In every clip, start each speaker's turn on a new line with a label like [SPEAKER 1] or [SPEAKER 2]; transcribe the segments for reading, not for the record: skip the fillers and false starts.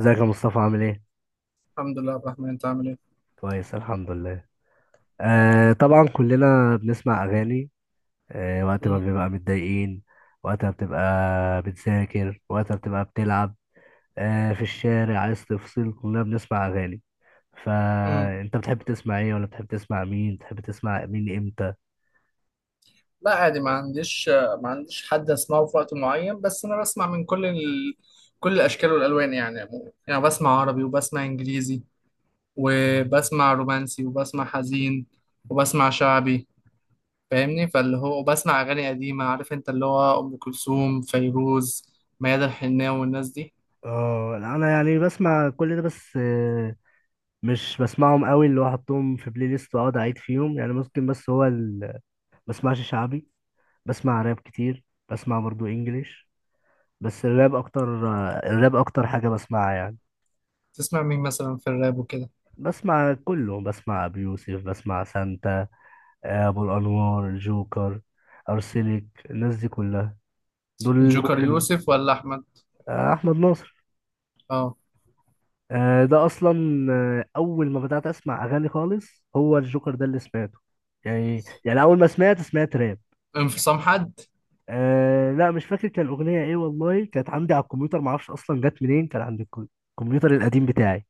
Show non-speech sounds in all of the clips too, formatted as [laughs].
[SPEAKER 1] ازيك يا مصطفى؟ عامل ايه؟
[SPEAKER 2] الحمد لله عبد الرحمن، انت عامل ايه؟
[SPEAKER 1] كويس الحمد لله. آه طبعا كلنا بنسمع اغاني، آه وقت ما
[SPEAKER 2] مم.
[SPEAKER 1] بنبقى متضايقين، وقت ما بتبقى بتذاكر، وقت ما بتبقى بتلعب، آه في الشارع عايز تفصل كلنا بنسمع اغاني.
[SPEAKER 2] مم.
[SPEAKER 1] فانت بتحب تسمع ايه؟ ولا بتحب تسمع مين؟ بتحب تسمع مين امتى؟
[SPEAKER 2] لا عادي، ما عنديش حد اسمعه في وقت معين، بس انا بسمع من كل الاشكال والالوان يعني عموما. يعني بسمع عربي وبسمع انجليزي وبسمع رومانسي وبسمع حزين وبسمع شعبي. فاهمني؟ فاللي هو وبسمع اغاني قديمه، عارف انت، اللي هو ام كلثوم، فيروز، ميادة الحناوي والناس دي.
[SPEAKER 1] اه لا، انا يعني بسمع كل ده بس مش بسمعهم قوي اللي هو احطهم في بلاي ليست واقعد اعيد فيهم يعني ممكن. بسمعش شعبي، بسمع راب كتير، بسمع برضو انجليش، بس الراب اكتر. الراب اكتر حاجة بسمعها يعني.
[SPEAKER 2] تسمع مين مثلا في الراب وكده؟
[SPEAKER 1] بسمع كله، بسمع ابي يوسف، بسمع سانتا، ابو الانوار، جوكر، ارسلك، الناس دي كلها، دول اللي
[SPEAKER 2] الجوكر
[SPEAKER 1] ممكن.
[SPEAKER 2] يوسف ولا احمد؟
[SPEAKER 1] احمد ناصر.
[SPEAKER 2] اه،
[SPEAKER 1] ده اصلا اول ما بدأت اسمع اغاني خالص هو الجوكر ده اللي سمعته، يعني اول ما سمعت سمعت راب.
[SPEAKER 2] انفصام حد.
[SPEAKER 1] أه لا مش فاكر كان الاغنيه ايه، والله كانت عندي على الكمبيوتر، ما اعرفش اصلا جت منين، كان عندي الكمبيوتر القديم بتاعي،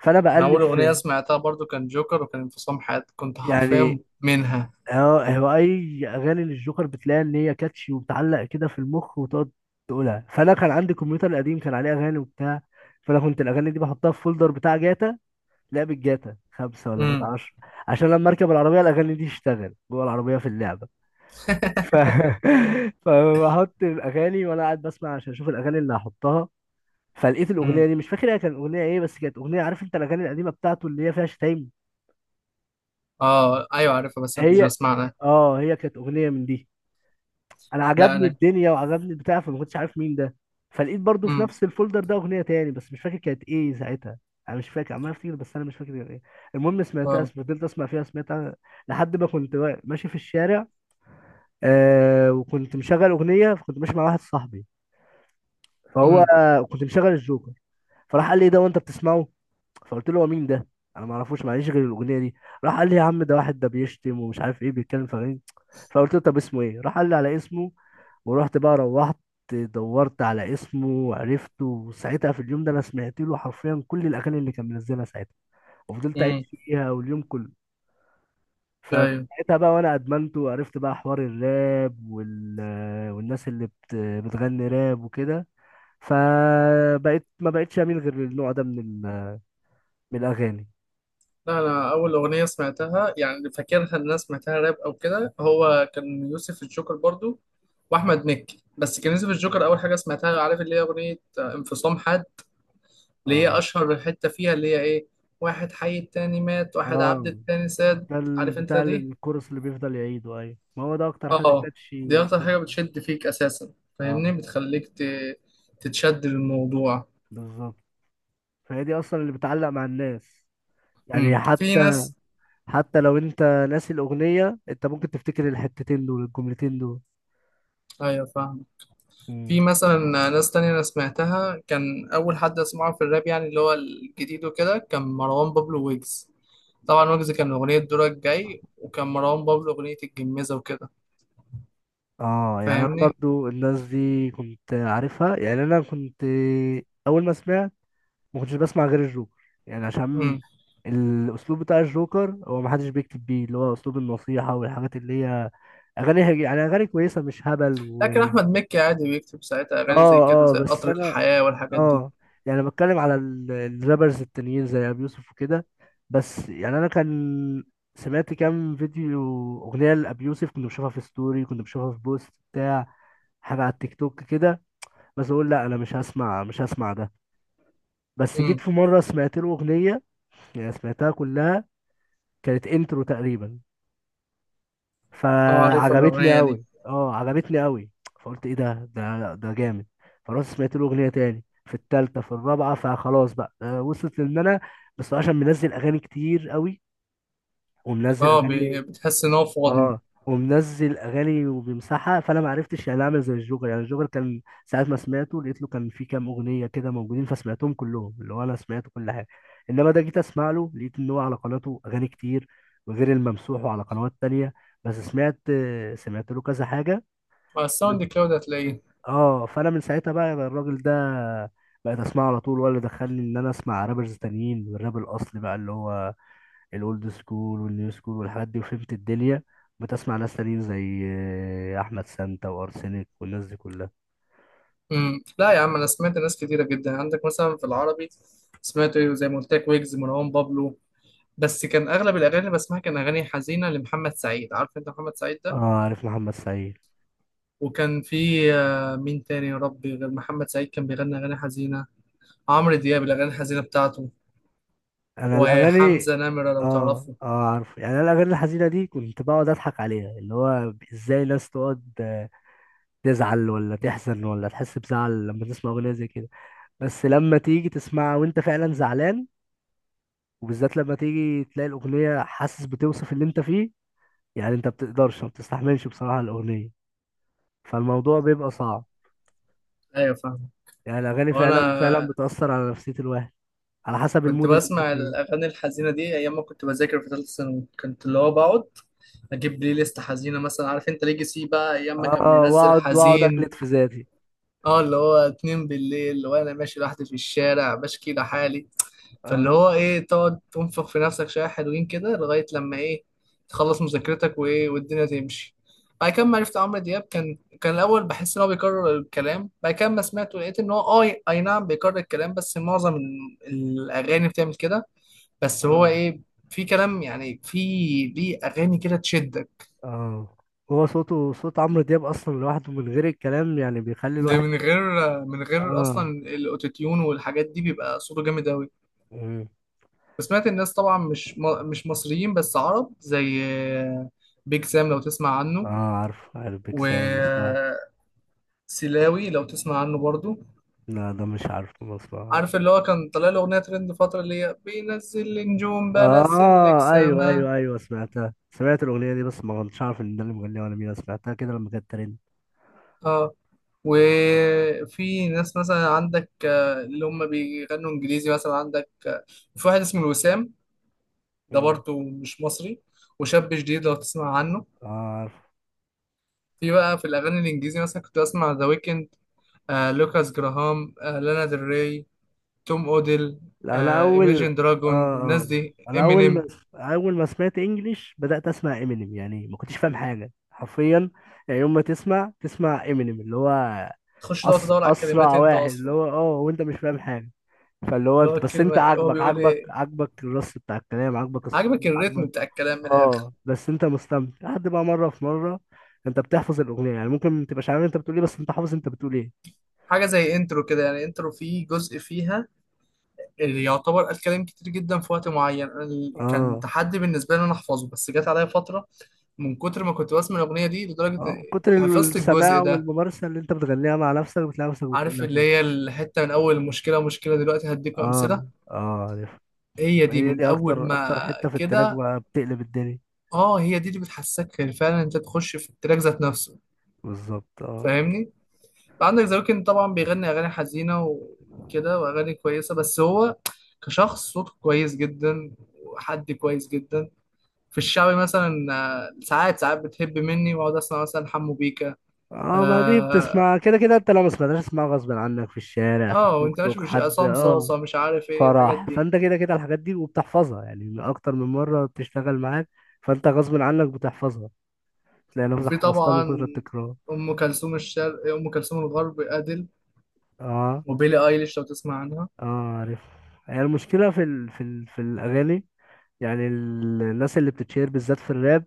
[SPEAKER 1] فانا
[SPEAKER 2] انا اول
[SPEAKER 1] بقلب
[SPEAKER 2] اغنيه
[SPEAKER 1] في،
[SPEAKER 2] سمعتها برضو كان جوكر، وكان انفصام حياتي، كنت حرفيا
[SPEAKER 1] يعني
[SPEAKER 2] منها.
[SPEAKER 1] هو اي اغاني للجوكر بتلاقي ان هي كاتشي وبتعلق كده في المخ وتقعد تقولها. فانا كان عندي كمبيوتر قديم كان عليه اغاني وبتاع، فانا كنت الاغاني دي بحطها في فولدر بتاع جاتا، لعبة جاتا خمسة ولا جاتا
[SPEAKER 2] امم.
[SPEAKER 1] عشرة، عشان لما اركب العربية الاغاني دي تشتغل جوه العربية في اللعبة. ف... [laughs] فبحط الاغاني وانا قاعد بسمع عشان اشوف الاغاني اللي هحطها. فلقيت الاغنيه
[SPEAKER 2] امم.
[SPEAKER 1] دي، مش فاكر هي كانت اغنيه ايه، بس كانت اغنيه عارف انت الاغاني القديمه بتاعته اللي هي فيها شتايم،
[SPEAKER 2] اه ايوه عارفها، بس انا كنت
[SPEAKER 1] هي
[SPEAKER 2] بسمعها.
[SPEAKER 1] اه هي كانت اغنيه من دي. انا
[SPEAKER 2] لا
[SPEAKER 1] عجبني
[SPEAKER 2] انا.
[SPEAKER 1] الدنيا وعجبني البتاع، فما كنتش عارف مين ده. فلقيت برضو في
[SPEAKER 2] امم.
[SPEAKER 1] نفس الفولدر ده اغنيه تاني بس مش فاكر كانت ايه ساعتها، انا مش فاكر، عمال افتكر بس انا مش فاكر كانت ايه. المهم سمعتها،
[SPEAKER 2] اه.
[SPEAKER 1] فضلت اسمع فيها، سمعتها لحد ما كنت ماشي في الشارع، آه وكنت مشغل اغنيه، فكنت ماشي مع واحد صاحبي، فهو،
[SPEAKER 2] امم.
[SPEAKER 1] كنت مشغل الجوكر، فراح قال لي إيه ده وانت بتسمعه؟ فقلت له هو مين ده؟ انا ما اعرفوش، معليش، غير الاغنيه دي. راح قال لي يا عم ده واحد ده بيشتم ومش عارف ايه بيتكلم في أغاني. فقلت له طب اسمه ايه؟ راح قال لي على اسمه، ورحت بقى روحت دورت على اسمه وعرفته، وساعتها في اليوم ده انا سمعت له حرفيا كل الاغاني اللي كان منزلها ساعتها، وفضلت قاعد
[SPEAKER 2] امم.
[SPEAKER 1] فيها واليوم كله.
[SPEAKER 2] ايوه.
[SPEAKER 1] فساعتها بقى وانا ادمنته، وعرفت بقى حوار الراب والناس بتغني راب وكده. فبقيت ما بقتش اميل غير للنوع ده من من الاغاني.
[SPEAKER 2] لا انا اول اغنيه سمعتها يعني فاكرها ان انا سمعتها راب او كده، هو كان يوسف الجوكر برضو واحمد مكي، بس كان يوسف الجوكر اول حاجه سمعتها. عارف اللي هي اغنيه انفصام حد؟ اللي هي
[SPEAKER 1] اه
[SPEAKER 2] اشهر حته فيها اللي هي ايه: واحد حي التاني مات، واحد عبد
[SPEAKER 1] اه
[SPEAKER 2] التاني ساد.
[SPEAKER 1] ده
[SPEAKER 2] عارف انت دي؟
[SPEAKER 1] الكورس اللي بيفضل يعيده، ايوه ما هو ده اكتر حاجه
[SPEAKER 2] اه، دي
[SPEAKER 1] كاتشي
[SPEAKER 2] اكتر حاجة
[SPEAKER 1] كاتشي.
[SPEAKER 2] بتشد فيك اساسا.
[SPEAKER 1] اه
[SPEAKER 2] فاهمني؟ تتشد للموضوع.
[SPEAKER 1] بالظبط، فهي دي اصلا اللي بتعلق مع الناس، يعني
[SPEAKER 2] امم، في
[SPEAKER 1] حتى،
[SPEAKER 2] ناس.
[SPEAKER 1] حتى لو انت ناسي الاغنيه انت ممكن تفتكر الحتتين دول، الجملتين دول.
[SPEAKER 2] ايوه فاهم. في
[SPEAKER 1] مم.
[SPEAKER 2] مثلا ناس تانية انا سمعتها، كان اول حد اسمعه في الراب يعني اللي هو الجديد وكده كان مروان بابلو ويجز. طبعا ويجز كان اغنية دورك جاي، وكان مروان بابلو اغنية الجميزة وكده.
[SPEAKER 1] اه يعني انا
[SPEAKER 2] فاهمني؟
[SPEAKER 1] برضو الناس دي كنت عارفها، يعني انا كنت اول ما سمعت ما كنتش بسمع غير الجوكر، يعني عشان
[SPEAKER 2] امم.
[SPEAKER 1] الاسلوب بتاع الجوكر هو ما حدش بيكتب بيه، اللي هو اسلوب النصيحه والحاجات اللي هي اغاني يعني اغاني كويسه مش هبل
[SPEAKER 2] لكن احمد مكي عادي بيكتب ساعتها اغاني زي
[SPEAKER 1] اه
[SPEAKER 2] كده،
[SPEAKER 1] اه
[SPEAKER 2] زي
[SPEAKER 1] بس
[SPEAKER 2] قطر
[SPEAKER 1] انا
[SPEAKER 2] الحياة والحاجات دي.
[SPEAKER 1] اه يعني بتكلم على الرابرز التانيين زي ابي يوسف وكده، بس يعني انا كان سمعت كام فيديو، اغنيه لابي يوسف كنت بشوفها في ستوري، كنت بشوفها في بوست بتاع حاجه على التيك توك كده، بس اقول لا انا مش هسمع، مش هسمع ده. بس جيت
[SPEAKER 2] امم.
[SPEAKER 1] في مره سمعت له اغنيه، يعني سمعتها كلها، كانت انترو تقريبا،
[SPEAKER 2] اه عارفها
[SPEAKER 1] فعجبت لي
[SPEAKER 2] الاغنية دي.
[SPEAKER 1] قوي، اه عجبت لي قوي. فقلت ايه ده، ده جامد. فرحت سمعت له اغنيه تاني، في التالتة في الرابعة، فخلاص بقى وصلت لان انا، بس هو عشان منزل اغاني كتير قوي، ومنزل
[SPEAKER 2] اه،
[SPEAKER 1] اغاني،
[SPEAKER 2] بتحس ان هو فاضي.
[SPEAKER 1] اه ومنزل اغاني وبيمسحها، فانا ما عرفتش يعني اعمل زي الجوكر. يعني الجوكر كان ساعات ما سمعته لقيت له كان في كام اغنيه كده موجودين، فسمعتهم كلهم، اللي هو انا سمعت كل حاجه. انما ده جيت اسمع له لقيت ان هو على قناته اغاني كتير، وغير الممسوح، وعلى قنوات تانية، بس سمعت، سمعت له كذا حاجه.
[SPEAKER 2] مع الساوند كلاود هتلاقيه.
[SPEAKER 1] اه فانا من ساعتها بقى الراجل ده بقيت اسمعه على طول، ولا دخلني ان انا اسمع رابرز تانيين والراب الاصلي بقى، اللي هو الاولد سكول والنيو سكول والحاجات دي، وفهمت الدنيا بتسمع ناس تانيين زي احمد سانتا وارسنك والناس دي كلها.
[SPEAKER 2] امم. لا يا عم، انا سمعت ناس كتيره جدا. عندك مثلا في العربي سمعت ايه، زي ما قلت لك، ويجز، مروان بابلو، بس كان اغلب الاغاني اللي بسمعها كان اغاني حزينه لمحمد سعيد. عارف انت محمد سعيد
[SPEAKER 1] اه
[SPEAKER 2] ده؟
[SPEAKER 1] عارف محمد سعيد.
[SPEAKER 2] وكان في مين تاني يا ربي غير محمد سعيد كان بيغني اغاني حزينه؟ عمرو دياب، الاغاني الحزينه بتاعته،
[SPEAKER 1] انا الاغاني،
[SPEAKER 2] وحمزه نمره لو
[SPEAKER 1] اه
[SPEAKER 2] تعرفه.
[SPEAKER 1] اه عارف، يعني انا الاغاني الحزينه دي كنت بقعد اضحك عليها، اللي هو ازاي ناس تقعد تزعل ولا تحزن ولا تحس بزعل لما تسمع اغنيه زي كده، بس لما تيجي تسمعها وانت فعلا زعلان، وبالذات لما تيجي تلاقي الاغنيه حاسس بتوصف اللي انت فيه، يعني انت بتقدرش، ما بتستحملش بصراحه الاغنيه، فالموضوع بيبقى صعب.
[SPEAKER 2] ايوه فاهم.
[SPEAKER 1] يعني الأغاني فعلا فعلا
[SPEAKER 2] وانا
[SPEAKER 1] بتأثر على نفسية الواحد على حسب
[SPEAKER 2] كنت
[SPEAKER 1] المود اللي أنت
[SPEAKER 2] بسمع
[SPEAKER 1] فيه.
[SPEAKER 2] الاغاني الحزينه دي ايام ما كنت بذاكر في ثالثه ثانوي، كنت اللي هو بقعد اجيب بلاي ليست حزينه مثلا، عارف انت ليجاسي بقى ايام ما كان
[SPEAKER 1] اه
[SPEAKER 2] بينزل
[SPEAKER 1] واقعد واقعد
[SPEAKER 2] حزين.
[SPEAKER 1] اجلد في ذاتي.
[SPEAKER 2] اه، اللي هو اتنين بالليل وانا ماشي لوحدي في الشارع بشكي لحالي. فاللي
[SPEAKER 1] اه
[SPEAKER 2] هو ايه، تقعد تنفخ في نفسك شويه حلوين كده لغايه لما ايه، تخلص مذاكرتك وايه، والدنيا تمشي. بعد كده، ما عرفت عمرو دياب، كان الاول بحس ان هو بيكرر الكلام. بعد كده ما سمعته لقيت ان هو، اه اي نعم بيكرر الكلام، بس معظم الاغاني بتعمل كده، بس هو
[SPEAKER 1] اه
[SPEAKER 2] ايه، في كلام يعني، في ليه اغاني كده تشدك.
[SPEAKER 1] اه هو صوته، صوت عمرو دياب اصلا لوحده من غير الكلام يعني بيخلي
[SPEAKER 2] ده
[SPEAKER 1] الواحد،
[SPEAKER 2] من غير، من غير
[SPEAKER 1] اه.
[SPEAKER 2] اصلا الاوتوتيون والحاجات دي، بيبقى صوته جامد قوي.
[SPEAKER 1] مم.
[SPEAKER 2] وسمعت الناس طبعا مش مصريين بس عرب، زي بيج سام لو تسمع
[SPEAKER 1] اه
[SPEAKER 2] عنه،
[SPEAKER 1] عارف، عارف بيك سام، بسمعه.
[SPEAKER 2] وسلاوي لو تسمع عنه برضو.
[SPEAKER 1] لا ده مش عارف، بسمعه.
[SPEAKER 2] عارف اللي هو كان طالع له اغنيه ترند فتره، اللي هي بينزل لي نجوم بنزل لك
[SPEAKER 1] اه ايوه
[SPEAKER 2] سما؟
[SPEAKER 1] ايوه ايوه سمعتها، سمعت الاغنيه دي بس ما كنتش عارف ان ده اللي مغنيها ولا مين، أنا سمعتها كده لما كانت ترند.
[SPEAKER 2] اه. وفي ناس مثلا عندك اللي هم بيغنوا انجليزي، مثلا عندك في واحد اسمه الوسام، ده
[SPEAKER 1] مم.
[SPEAKER 2] برضه مش مصري، وشاب جديد لو تسمع عنه.
[SPEAKER 1] اه عارف.
[SPEAKER 2] في بقى في الأغاني الإنجليزي مثلا كنت بسمع ذا ويكند، لوكاس جراهام، لانا ديل ري، توم اوديل،
[SPEAKER 1] لا انا اول،
[SPEAKER 2] ايميجين
[SPEAKER 1] اه
[SPEAKER 2] دراجون،
[SPEAKER 1] اه
[SPEAKER 2] الناس دي،
[SPEAKER 1] انا اول ما،
[SPEAKER 2] امينيم.
[SPEAKER 1] اول ما سمعت انجليش بدات اسمع امينيم، يعني ما كنتش فاهم حاجه حرفيا، يعني يوم ما تسمع تسمع امينيم اللي هو
[SPEAKER 2] تخش تقعد تدور على الكلمات
[SPEAKER 1] اسرع
[SPEAKER 2] انت
[SPEAKER 1] واحد، اللي
[SPEAKER 2] اصلا،
[SPEAKER 1] هو اه وانت مش فاهم حاجه، فاللي هو
[SPEAKER 2] اللي هو
[SPEAKER 1] انت بس انت
[SPEAKER 2] الكلمه هو
[SPEAKER 1] عاجبك
[SPEAKER 2] بيقول
[SPEAKER 1] عاجبك
[SPEAKER 2] ايه.
[SPEAKER 1] عاجبك الرص بتاع الكلام، عاجبك الصوت،
[SPEAKER 2] عاجبك الريتم
[SPEAKER 1] عاجبك،
[SPEAKER 2] بتاع الكلام من الاخر.
[SPEAKER 1] اه بس انت مستمتع، لحد بقى مره في مره انت بتحفظ الاغنيه، يعني ممكن ما تبقاش عارف انت بتقول ايه بس انت حافظ انت بتقول ايه.
[SPEAKER 2] حاجه زي انترو كده يعني، انترو فيه جزء فيها اللي يعتبر قال كلام كتير جدا في وقت معين. كان
[SPEAKER 1] اه
[SPEAKER 2] تحدي بالنسبه لي ان انا احفظه، بس جت عليا فتره من كتر ما كنت بسمع الأغنية دي لدرجة
[SPEAKER 1] اه من كتر
[SPEAKER 2] حفظت الجزء
[SPEAKER 1] السماع
[SPEAKER 2] ده.
[SPEAKER 1] والممارسة، اللي انت بتغنيها مع نفسك بتلاقي نفسك
[SPEAKER 2] عارف
[SPEAKER 1] بتقولها
[SPEAKER 2] اللي
[SPEAKER 1] كده.
[SPEAKER 2] هي الحتة من أول مشكلة، مشكلة دلوقتي هديك
[SPEAKER 1] اه
[SPEAKER 2] أمثلة،
[SPEAKER 1] اه عرفت.
[SPEAKER 2] هي دي
[SPEAKER 1] هي
[SPEAKER 2] من
[SPEAKER 1] دي
[SPEAKER 2] أول
[SPEAKER 1] اكتر،
[SPEAKER 2] ما
[SPEAKER 1] اكتر حتة في التراك
[SPEAKER 2] كده.
[SPEAKER 1] بقى بتقلب الدنيا.
[SPEAKER 2] اه، هي دي اللي بتحسسك فعلا انت تخش في التراك ذات نفسه.
[SPEAKER 1] بالظبط اه.
[SPEAKER 2] فاهمني؟ عندك ذا ويكند طبعا بيغني أغاني حزينة وكده، وأغاني كويسة، بس هو كشخص صوته كويس جدا، وحد كويس جدا. في الشعبي مثلا، ساعات ساعات بتهب مني واقعد اسمع مثلا حمو بيكا،
[SPEAKER 1] اه ما دي
[SPEAKER 2] آه،
[SPEAKER 1] بتسمع كده كده، انت لو ما سمعتهاش تسمعها غصب عنك في الشارع، في
[SPEAKER 2] اه
[SPEAKER 1] التوك
[SPEAKER 2] وانت ماشي،
[SPEAKER 1] توك،
[SPEAKER 2] مش
[SPEAKER 1] حد،
[SPEAKER 2] عصام
[SPEAKER 1] اه
[SPEAKER 2] صاصة، مش عارف ايه الحاجات
[SPEAKER 1] فرح،
[SPEAKER 2] دي.
[SPEAKER 1] فانت كده كده الحاجات دي وبتحفظها يعني، اكتر من مرة بتشتغل معاك، فانت غصب عنك بتحفظها، تلاقي نفسك
[SPEAKER 2] وفي
[SPEAKER 1] حفظتها من
[SPEAKER 2] طبعا
[SPEAKER 1] كتر التكرار.
[SPEAKER 2] ام كلثوم الشرق، ام كلثوم الغرب ادل،
[SPEAKER 1] اه
[SPEAKER 2] وبيلي ايليش لو تسمع عنها.
[SPEAKER 1] اه عارف. هي المشكلة في في الأغاني، يعني الناس اللي بتتشير بالذات في الراب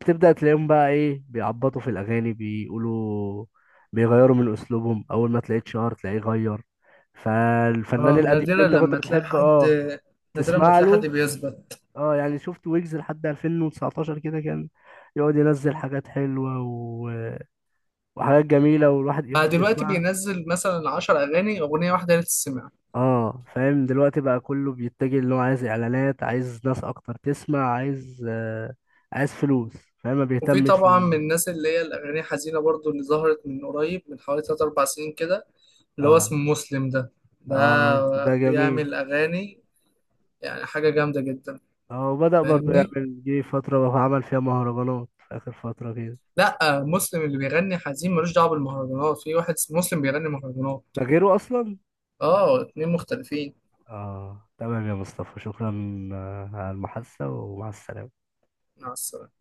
[SPEAKER 1] بتبدأ تلاقيهم بقى ايه بيعبطوا في الأغاني بيقولوا، بيغيروا من أسلوبهم، أول ما تلاقيه اتشهر تلاقيه غير، فالفنان
[SPEAKER 2] اه،
[SPEAKER 1] القديم اللي انت كنت بتحب اه
[SPEAKER 2] نادرا لما
[SPEAKER 1] تسمع
[SPEAKER 2] تلاقي حد
[SPEAKER 1] له.
[SPEAKER 2] بيثبت.
[SPEAKER 1] اه يعني شفت ويجز لحد 2019 كده كان يقعد ينزل حاجات حلوة وحاجات جميلة والواحد
[SPEAKER 2] بقى
[SPEAKER 1] يفضل
[SPEAKER 2] دلوقتي
[SPEAKER 1] يسمعها.
[SPEAKER 2] بينزل مثلا 10 اغاني، اغنية واحدة تتسمع.
[SPEAKER 1] اه فاهم، دلوقتي بقى كله بيتجه اللي هو عايز اعلانات، عايز ناس اكتر تسمع، عايز آه عايز فلوس، فاهم ما
[SPEAKER 2] وفي
[SPEAKER 1] بيهتمش.
[SPEAKER 2] طبعا من الناس اللي هي الاغاني حزينة برضو، اللي ظهرت من قريب من حوالي 3 4 سنين كده، اللي هو اسمه
[SPEAKER 1] اه
[SPEAKER 2] مسلم ده.
[SPEAKER 1] اه عارف ده
[SPEAKER 2] ده
[SPEAKER 1] جميل.
[SPEAKER 2] بيعمل اغاني يعني حاجة جامدة جدا.
[SPEAKER 1] اه وبدأ برضه
[SPEAKER 2] فاهمني؟
[SPEAKER 1] يعمل، جه فترة عمل فيها مهرجانات في آخر فترة كده.
[SPEAKER 2] لا، مسلم اللي بيغني حزين ملوش دعوه بالمهرجانات، في واحد اسمه مسلم بيغني مهرجانات.
[SPEAKER 1] ده غيره أصلا.
[SPEAKER 2] اه اتنين مختلفين.
[SPEAKER 1] اه تمام يا مصطفى، شكرا على المحادثة، ومع السلامة.
[SPEAKER 2] مع السلامه.